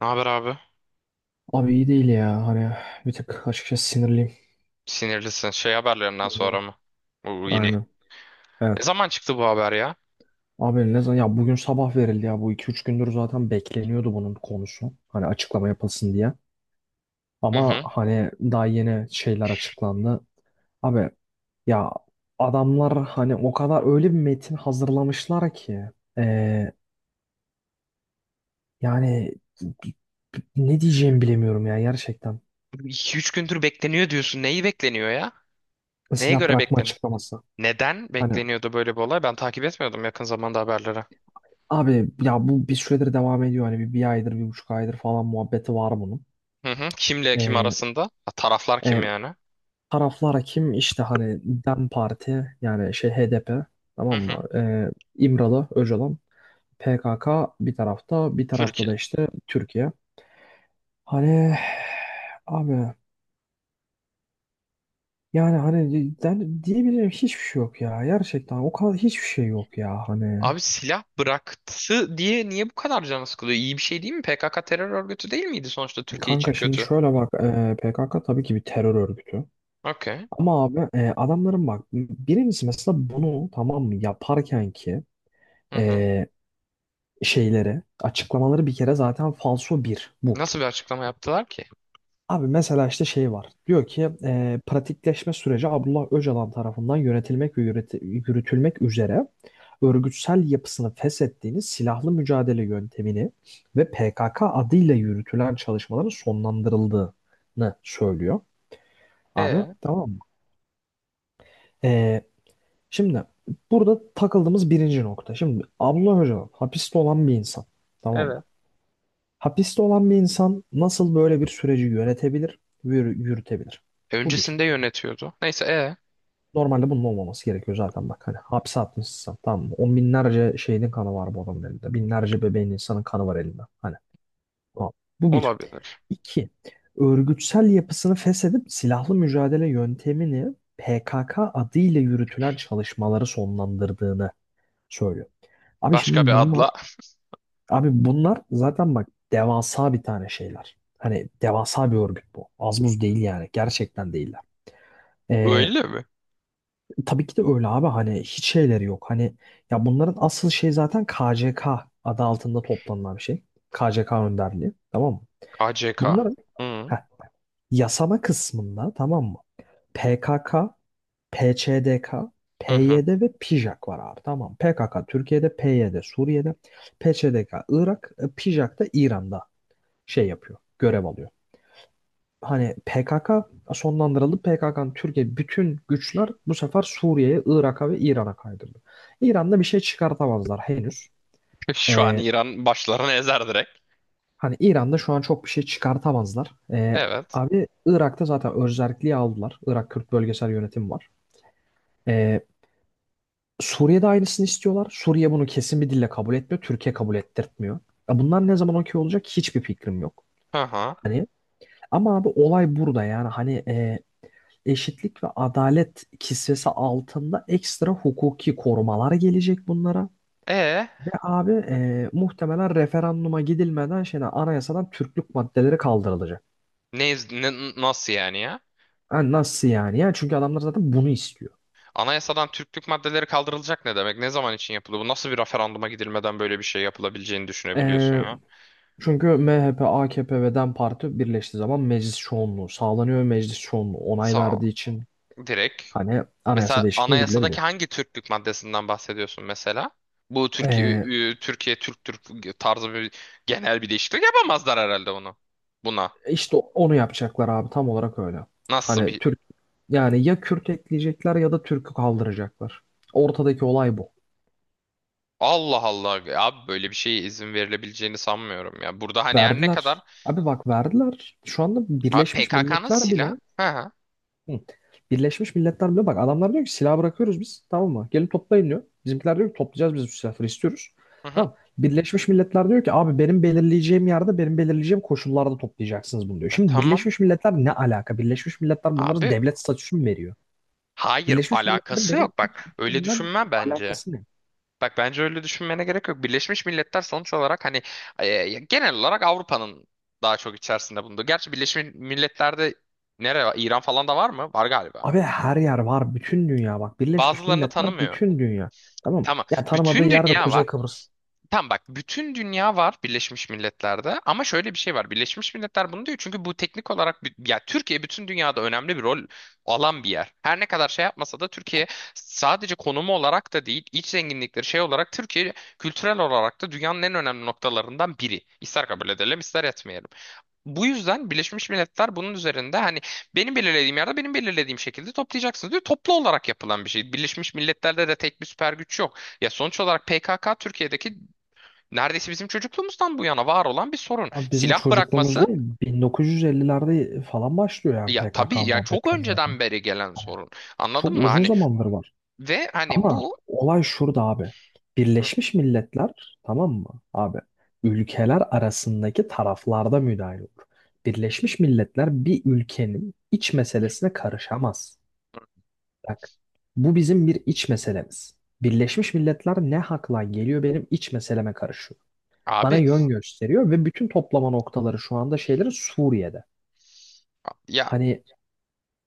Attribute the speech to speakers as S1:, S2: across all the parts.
S1: Ne haber abi?
S2: Abi iyi değil ya. Hani bir tık açıkçası sinirliyim.
S1: Sinirlisin. Şey haberlerinden
S2: Hı hı.
S1: sonra mı? Bu yeni.
S2: Aynen.
S1: Ne
S2: Evet.
S1: zaman çıktı bu haber ya?
S2: Abi ne zaman ya, bugün sabah verildi ya, bu iki üç gündür zaten bekleniyordu bunun konusu. Hani açıklama yapılsın diye.
S1: Hı
S2: Ama
S1: hı.
S2: hani daha yeni şeyler açıklandı. Abi ya, adamlar hani o kadar öyle bir metin hazırlamışlar ki Ee, yani ne diyeceğimi bilemiyorum ya gerçekten.
S1: 2-3 gündür bekleniyor diyorsun. Neyi bekleniyor ya? Neye
S2: Silah
S1: göre
S2: bırakma
S1: bekleniyor?
S2: açıklaması.
S1: Neden
S2: Hani
S1: bekleniyordu böyle bir olay? Ben takip etmiyordum yakın zamanda haberleri.
S2: abi ya, bu bir süredir devam ediyor. Hani bir aydır, bir buçuk aydır falan muhabbeti var bunun.
S1: Hı hı. Kimle kim
S2: Ee,
S1: arasında? Ha, taraflar kim
S2: e,
S1: yani?
S2: taraflara kim? İşte hani DEM Parti, yani şey HDP,
S1: Hı
S2: tamam mı?
S1: hı.
S2: İmralı, Öcalan, PKK bir tarafta, bir tarafta
S1: Türkiye.
S2: da işte Türkiye. Hani abi, yani hani ben diyebileceğim hiçbir şey yok ya. Gerçekten o kadar hiçbir şey yok ya. Hani
S1: Abi silah bıraktı diye niye bu kadar canı sıkılıyor? İyi bir şey değil mi? PKK terör örgütü değil miydi sonuçta Türkiye
S2: kanka
S1: için
S2: şimdi
S1: kötü?
S2: şöyle bak, PKK tabii ki bir terör örgütü.
S1: Okey.
S2: Ama abi adamların, bak, birincisi mesela bunu tamam mı yaparken ki
S1: Hı hı.
S2: e, şeyleri açıklamaları bir kere zaten falso bir bu.
S1: Nasıl bir açıklama yaptılar ki?
S2: Abi mesela işte şey var, diyor ki pratikleşme süreci Abdullah Öcalan tarafından yönetilmek ve yürütülmek üzere örgütsel yapısını feshettiğiniz silahlı mücadele yöntemini ve PKK adıyla yürütülen çalışmaların sonlandırıldığını söylüyor. Abi
S1: E,
S2: tamam mı? E, Şimdi burada takıldığımız birinci nokta. Şimdi Abdullah Öcalan hapiste olan bir insan. Tamam mı?
S1: evet.
S2: Hapiste olan bir insan nasıl böyle bir süreci yönetebilir, yürütebilir? Bu bir.
S1: Öncesinde yönetiyordu. Neyse,
S2: Normalde bunun olmaması gerekiyor zaten, bak. Hani hapse atmışsın, tamam mı? On binlerce şeyin kanı var bu adamın elinde. Binlerce bebeğin, insanın kanı var elinde. Hani tamam. Bu bir.
S1: olabilir.
S2: İki. Örgütsel yapısını feshedip silahlı mücadele yöntemini PKK adıyla yürütülen çalışmaları sonlandırdığını söylüyor. Abi
S1: Başka
S2: şimdi
S1: bir
S2: bunlar,
S1: adla.
S2: abi bunlar zaten bak devasa bir tane şeyler. Hani devasa bir örgüt bu. Az buz değil yani. Gerçekten değiller. Ee,
S1: Öyle mi?
S2: tabii ki de öyle abi. Hani hiç şeyleri yok. Hani ya bunların asıl şey zaten KCK adı altında toplanılan bir şey. KCK önderliği. Tamam mı?
S1: KCK.
S2: Bunların
S1: Hı
S2: heh, yasama kısmında, tamam mı? PKK, PÇDK,
S1: hı. Hı.
S2: PYD ve PJAK var abi, tamam. PKK Türkiye'de, PYD Suriye'de, PÇDK Irak, PJAK da İran'da şey yapıyor, görev alıyor. Hani PKK sonlandırıldı. PKK'nın Türkiye bütün güçler bu sefer Suriye'ye, Irak'a ve İran'a kaydırdı. İran'da bir şey çıkartamazlar henüz.
S1: Şu an
S2: Ee,
S1: İran başlarını ezer direkt.
S2: hani İran'da şu an çok bir şey çıkartamazlar. Ee,
S1: Evet.
S2: abi Irak'ta zaten özerkliği aldılar. Irak Kürt Bölgesel Yönetimi var. Ee, Suriye'de aynısını istiyorlar. Suriye bunu kesin bir dille kabul etmiyor. Türkiye kabul ettirtmiyor. Ya bunlar ne zaman okey olacak hiçbir fikrim yok.
S1: Hı hı.
S2: Hani ama abi olay burada, yani hani eşitlik ve adalet kisvesi altında ekstra hukuki korumalar gelecek bunlara.
S1: E
S2: Ve abi muhtemelen referanduma gidilmeden şeyden, anayasadan Türklük maddeleri kaldırılacak.
S1: Nasıl yani ya?
S2: Yani nasıl yani? Yani çünkü adamlar zaten bunu istiyor.
S1: Anayasadan Türklük maddeleri kaldırılacak ne demek? Ne zaman için yapıldı? Bu nasıl bir referanduma gidilmeden böyle bir şey yapılabileceğini düşünebiliyorsun
S2: E,
S1: ya?
S2: Çünkü MHP, AKP ve DEM Parti birleştiği zaman meclis çoğunluğu sağlanıyor ve meclis çoğunluğu onay
S1: Sağ
S2: verdiği için
S1: direkt.
S2: hani anayasa
S1: Mesela
S2: değişikliğine gidilebiliyor.
S1: anayasadaki hangi Türklük maddesinden bahsediyorsun mesela? Bu
S2: Ee,
S1: Türkiye Türk tarzı bir genel bir değişiklik yapamazlar herhalde onu. Buna.
S2: işte onu yapacaklar abi, tam olarak öyle.
S1: Nasıl
S2: Hani
S1: bir
S2: Yani ya Kürt ekleyecekler ya da Türk'ü kaldıracaklar. Ortadaki olay bu.
S1: Allah Allah abi böyle bir şeye izin verilebileceğini sanmıyorum ya. Burada hani her ne kadar
S2: Verdiler. Abi bak, verdiler. Şu anda
S1: abi
S2: Birleşmiş
S1: PKK'nın
S2: Milletler bile.
S1: silah. Hı hı.
S2: Hı. Birleşmiş Milletler bile, bak adamlar diyor ki silah bırakıyoruz biz, tamam mı? Gelin toplayın diyor. Bizimkiler diyor ki toplayacağız biz, bu silahları istiyoruz.
S1: Hı hı.
S2: Tamam. Birleşmiş Milletler diyor ki abi, benim belirleyeceğim yerde, benim belirleyeceğim koşullarda toplayacaksınız bunu, diyor.
S1: E
S2: Şimdi
S1: tamam
S2: Birleşmiş Milletler ne alaka? Birleşmiş Milletler bunlara
S1: abi.
S2: devlet statüsü mü veriyor?
S1: Hayır
S2: Birleşmiş Milletler'in
S1: alakası
S2: benim
S1: yok
S2: iç,
S1: bak. Öyle
S2: içimden
S1: düşünme bence.
S2: alakası ne?
S1: Bak bence öyle düşünmene gerek yok. Birleşmiş Milletler sonuç olarak hani genel olarak Avrupa'nın daha çok içerisinde bulunduğu. Gerçi Birleşmiş Milletler'de nere var? İran falan da var mı? Var galiba.
S2: Abi her yer var, bütün dünya, bak Birleşmiş
S1: Bazılarını
S2: Milletler
S1: tanımıyor.
S2: bütün dünya. Tamam mı?
S1: Tamam.
S2: Ya tanımadığı
S1: Bütün
S2: yerde
S1: dünya var.
S2: Kuzey Kıbrıs.
S1: Tam bak bütün dünya var Birleşmiş Milletler'de ama şöyle bir şey var. Birleşmiş Milletler bunu diyor çünkü bu teknik olarak ya Türkiye bütün dünyada önemli bir rol alan bir yer. Her ne kadar şey yapmasa da Türkiye sadece konumu olarak da değil, iç zenginlikleri şey olarak Türkiye kültürel olarak da dünyanın en önemli noktalarından biri. İster kabul edelim, ister etmeyelim. Bu yüzden Birleşmiş Milletler bunun üzerinde hani benim belirlediğim yerde benim belirlediğim şekilde toplayacaksınız diyor. Toplu olarak yapılan bir şey. Birleşmiş Milletler'de de tek bir süper güç yok. Ya sonuç olarak PKK Türkiye'deki neredeyse bizim çocukluğumuzdan bu yana var olan bir sorun.
S2: Abi bizim
S1: Silah
S2: çocukluğumuz
S1: bırakması
S2: değil, 1950'lerde falan başlıyor yani
S1: ya tabii
S2: PKK
S1: ya çok
S2: muhabbetleri zaten.
S1: önceden beri gelen sorun.
S2: Çok
S1: Anladın mı?
S2: uzun
S1: Hani
S2: zamandır var.
S1: ve hani
S2: Ama
S1: bu
S2: olay şurada abi.
S1: Hı,
S2: Birleşmiş Milletler, tamam mı abi? Ülkeler arasındaki taraflarda müdahil olur. Birleşmiş Milletler bir ülkenin iç meselesine karışamaz. Bak, bu bizim bir iç meselemiz. Birleşmiş Milletler ne hakla geliyor benim iç meseleme karışıyor? Bana
S1: abi
S2: yön gösteriyor ve bütün toplama noktaları şu anda şeyleri Suriye'de.
S1: ya
S2: Hani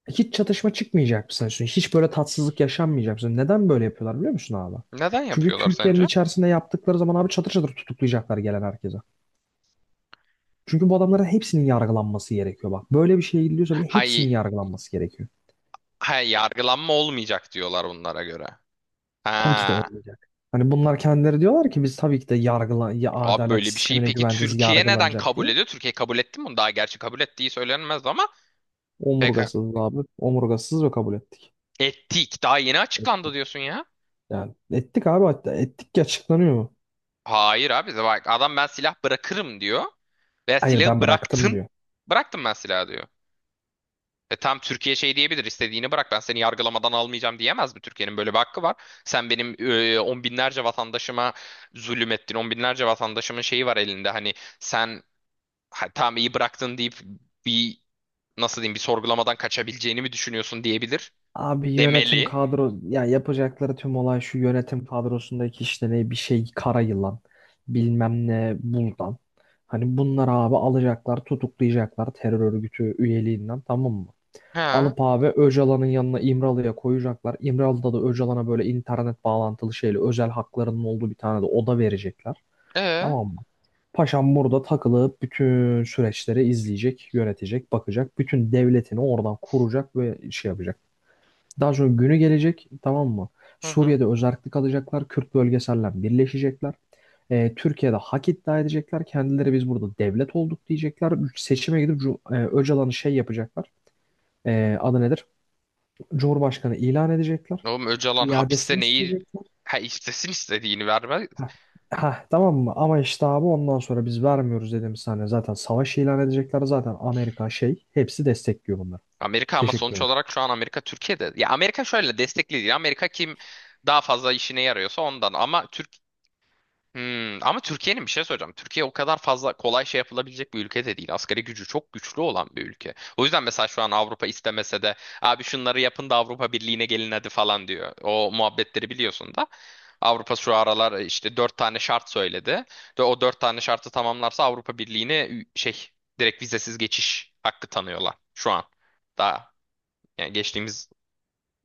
S2: hiç çatışma çıkmayacak mı sanıyorsun Hiç böyle tatsızlık yaşanmayacak mı sanıyorsun? Neden böyle yapıyorlar biliyor musun abi?
S1: neden
S2: Çünkü
S1: yapıyorlar
S2: Türkiye'nin
S1: sence?
S2: içerisinde yaptıkları zaman abi çatır çatır tutuklayacaklar gelen herkese. Çünkü bu adamların hepsinin yargılanması gerekiyor, bak. Böyle bir şeye gidiliyorsa bile
S1: Hay
S2: hepsinin yargılanması gerekiyor.
S1: hay yargılanma olmayacak diyorlar bunlara göre.
S2: Tabii ki de
S1: Ha.
S2: olmayacak. Hani bunlar kendileri diyorlar ki biz tabii ki de yargıla ya,
S1: Abi
S2: adalet
S1: böyle bir şeyi
S2: sistemine
S1: peki
S2: güveneceğiz,
S1: Türkiye neden
S2: yargılanacak
S1: kabul
S2: diye.
S1: ediyor? Türkiye kabul etti mi bunu? Daha gerçi kabul ettiği söylenmez ama peki
S2: Omurgasız abi. Omurgasız ve kabul ettik.
S1: ettik. Daha yeni açıklandı
S2: Ettik.
S1: diyorsun ya.
S2: Yani ettik abi, hatta ettik ki açıklanıyor mu?
S1: Hayır abi de bak adam ben silah bırakırım diyor. Ve
S2: Hayır,
S1: silahı
S2: ben bıraktım
S1: bıraktım.
S2: diyor.
S1: Bıraktım ben silahı diyor. E tam Türkiye şey diyebilir istediğini bırak ben seni yargılamadan almayacağım diyemez mi? Türkiye'nin böyle bir hakkı var. Sen benim on binlerce vatandaşıma zulüm ettin. On binlerce vatandaşımın şeyi var elinde. Hani sen ha, tamam iyi bıraktın deyip bir nasıl diyeyim bir sorgulamadan kaçabileceğini mi düşünüyorsun diyebilir.
S2: Abi yönetim
S1: Demeli.
S2: kadro ya, yapacakları tüm olay şu: yönetim kadrosundaki işte, ne bir şey, kara yılan bilmem ne buldan. Hani bunları abi alacaklar, tutuklayacaklar terör örgütü üyeliğinden, tamam mı?
S1: Ha.
S2: Alıp abi Öcalan'ın yanına, İmralı'ya koyacaklar. İmralı'da da Öcalan'a böyle internet bağlantılı şeyle, özel haklarının olduğu bir tane de oda verecekler.
S1: E.
S2: Tamam mı? Paşam burada takılıp bütün süreçleri izleyecek, yönetecek, bakacak. Bütün devletini oradan kuracak ve şey yapacak. Daha sonra günü gelecek, tamam mı?
S1: Hı hı.
S2: Suriye'de özerklik alacaklar. Kürt bölgeselden birleşecekler. Türkiye'de hak iddia edecekler. Kendileri biz burada devlet olduk diyecekler. Seçime gidip Öcalan'ı şey yapacaklar. Adı nedir? Cumhurbaşkanı ilan edecekler.
S1: Oğlum Öcalan
S2: İadesini
S1: hapiste neyi
S2: isteyecekler.
S1: ha istesin istediğini vermez
S2: Heh. Heh, tamam mı? Ama işte abi ondan sonra biz vermiyoruz dedim sana. Zaten savaş ilan edecekler. Zaten Amerika şey, hepsi destekliyor bunları.
S1: Amerika ama
S2: Teşekkür
S1: sonuç
S2: ederim.
S1: olarak şu an Amerika Türkiye'de. Ya Amerika şöyle destekli değil. Amerika kim daha fazla işine yarıyorsa ondan. Ama Türk Hmm, ama Türkiye'nin bir şey söyleyeceğim. Türkiye o kadar fazla kolay şey yapılabilecek bir ülke de değil. Asgari gücü çok güçlü olan bir ülke. O yüzden mesela şu an Avrupa istemese de abi şunları yapın da Avrupa Birliği'ne gelin hadi falan diyor. O muhabbetleri biliyorsun da. Avrupa şu aralar işte dört tane şart söyledi. Ve o dört tane şartı tamamlarsa Avrupa Birliği'ne şey direkt vizesiz geçiş hakkı tanıyorlar şu an. Daha yani geçtiğimiz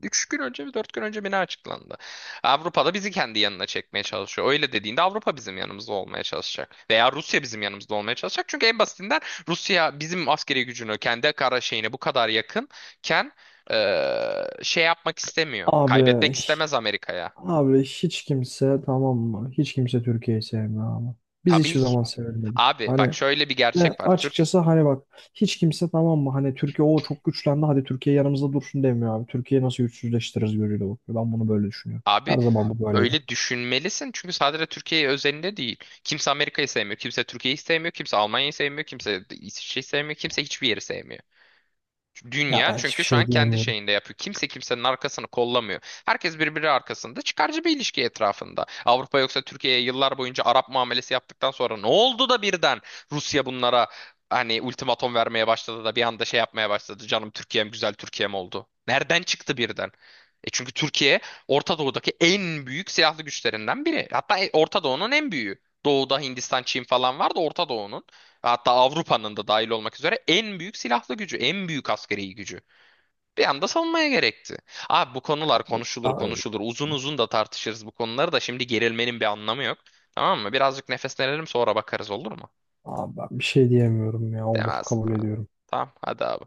S1: 3 gün önce mi 4 gün önce mi ne açıklandı? Avrupa'da bizi kendi yanına çekmeye çalışıyor. Öyle dediğinde Avrupa bizim yanımızda olmaya çalışacak. Veya Rusya bizim yanımızda olmaya çalışacak. Çünkü en basitinden Rusya bizim askeri gücünü kendi kara şeyine bu kadar yakınken şey yapmak istemiyor. Kaybetmek
S2: Abi
S1: istemez Amerika'ya.
S2: Abi hiç kimse, tamam mı? Hiç kimse Türkiye'yi sevmiyor abi. Biz
S1: Tabii.
S2: hiçbir zaman sevilmedik.
S1: Abi
S2: Hani
S1: bak şöyle bir
S2: ve
S1: gerçek var. Türk
S2: açıkçası hani bak, hiç kimse, tamam mı? Hani Türkiye o çok güçlendi, hadi Türkiye yanımızda dursun demiyor abi. Türkiye'yi nasıl güçsüzleştiririz gözüyle bakıyor. Ben bunu böyle düşünüyorum. Her
S1: Abi
S2: zaman bu böyleydi.
S1: öyle düşünmelisin çünkü sadece Türkiye özelinde değil. Kimse Amerika'yı sevmiyor, kimse Türkiye'yi sevmiyor, kimse Almanya'yı sevmiyor, kimse İsviçre'yi sevmiyor, kimse hiçbir yeri sevmiyor.
S2: Ya
S1: Dünya
S2: ben hiçbir
S1: çünkü şu an
S2: şey
S1: kendi
S2: diyemiyorum.
S1: şeyinde yapıyor. Kimse kimsenin arkasını kollamıyor. Herkes birbiri arkasında çıkarcı bir ilişki etrafında. Avrupa yoksa Türkiye'ye yıllar boyunca Arap muamelesi yaptıktan sonra ne oldu da birden Rusya bunlara hani ultimatom vermeye başladı da bir anda şey yapmaya başladı. Canım Türkiye'm güzel Türkiye'm oldu. Nereden çıktı birden? E çünkü Türkiye Orta Doğu'daki en büyük silahlı güçlerinden biri. Hatta Orta Doğu'nun en büyüğü. Doğu'da Hindistan, Çin falan var da Orta Doğu'nun Hatta Avrupa'nın da dahil olmak üzere en büyük silahlı gücü, en büyük askeri gücü. Bir anda savunmaya gerekti. Abi bu konular konuşulur
S2: Abi,
S1: konuşulur. Uzun uzun da tartışırız bu konuları da şimdi gerilmenin bir anlamı yok. Tamam mı? Birazcık nefeslenelim sonra bakarız olur mu?
S2: abi ben bir şey diyemiyorum ya, olur,
S1: Demez.
S2: kabul
S1: Demez.
S2: ediyorum.
S1: Tamam hadi abi.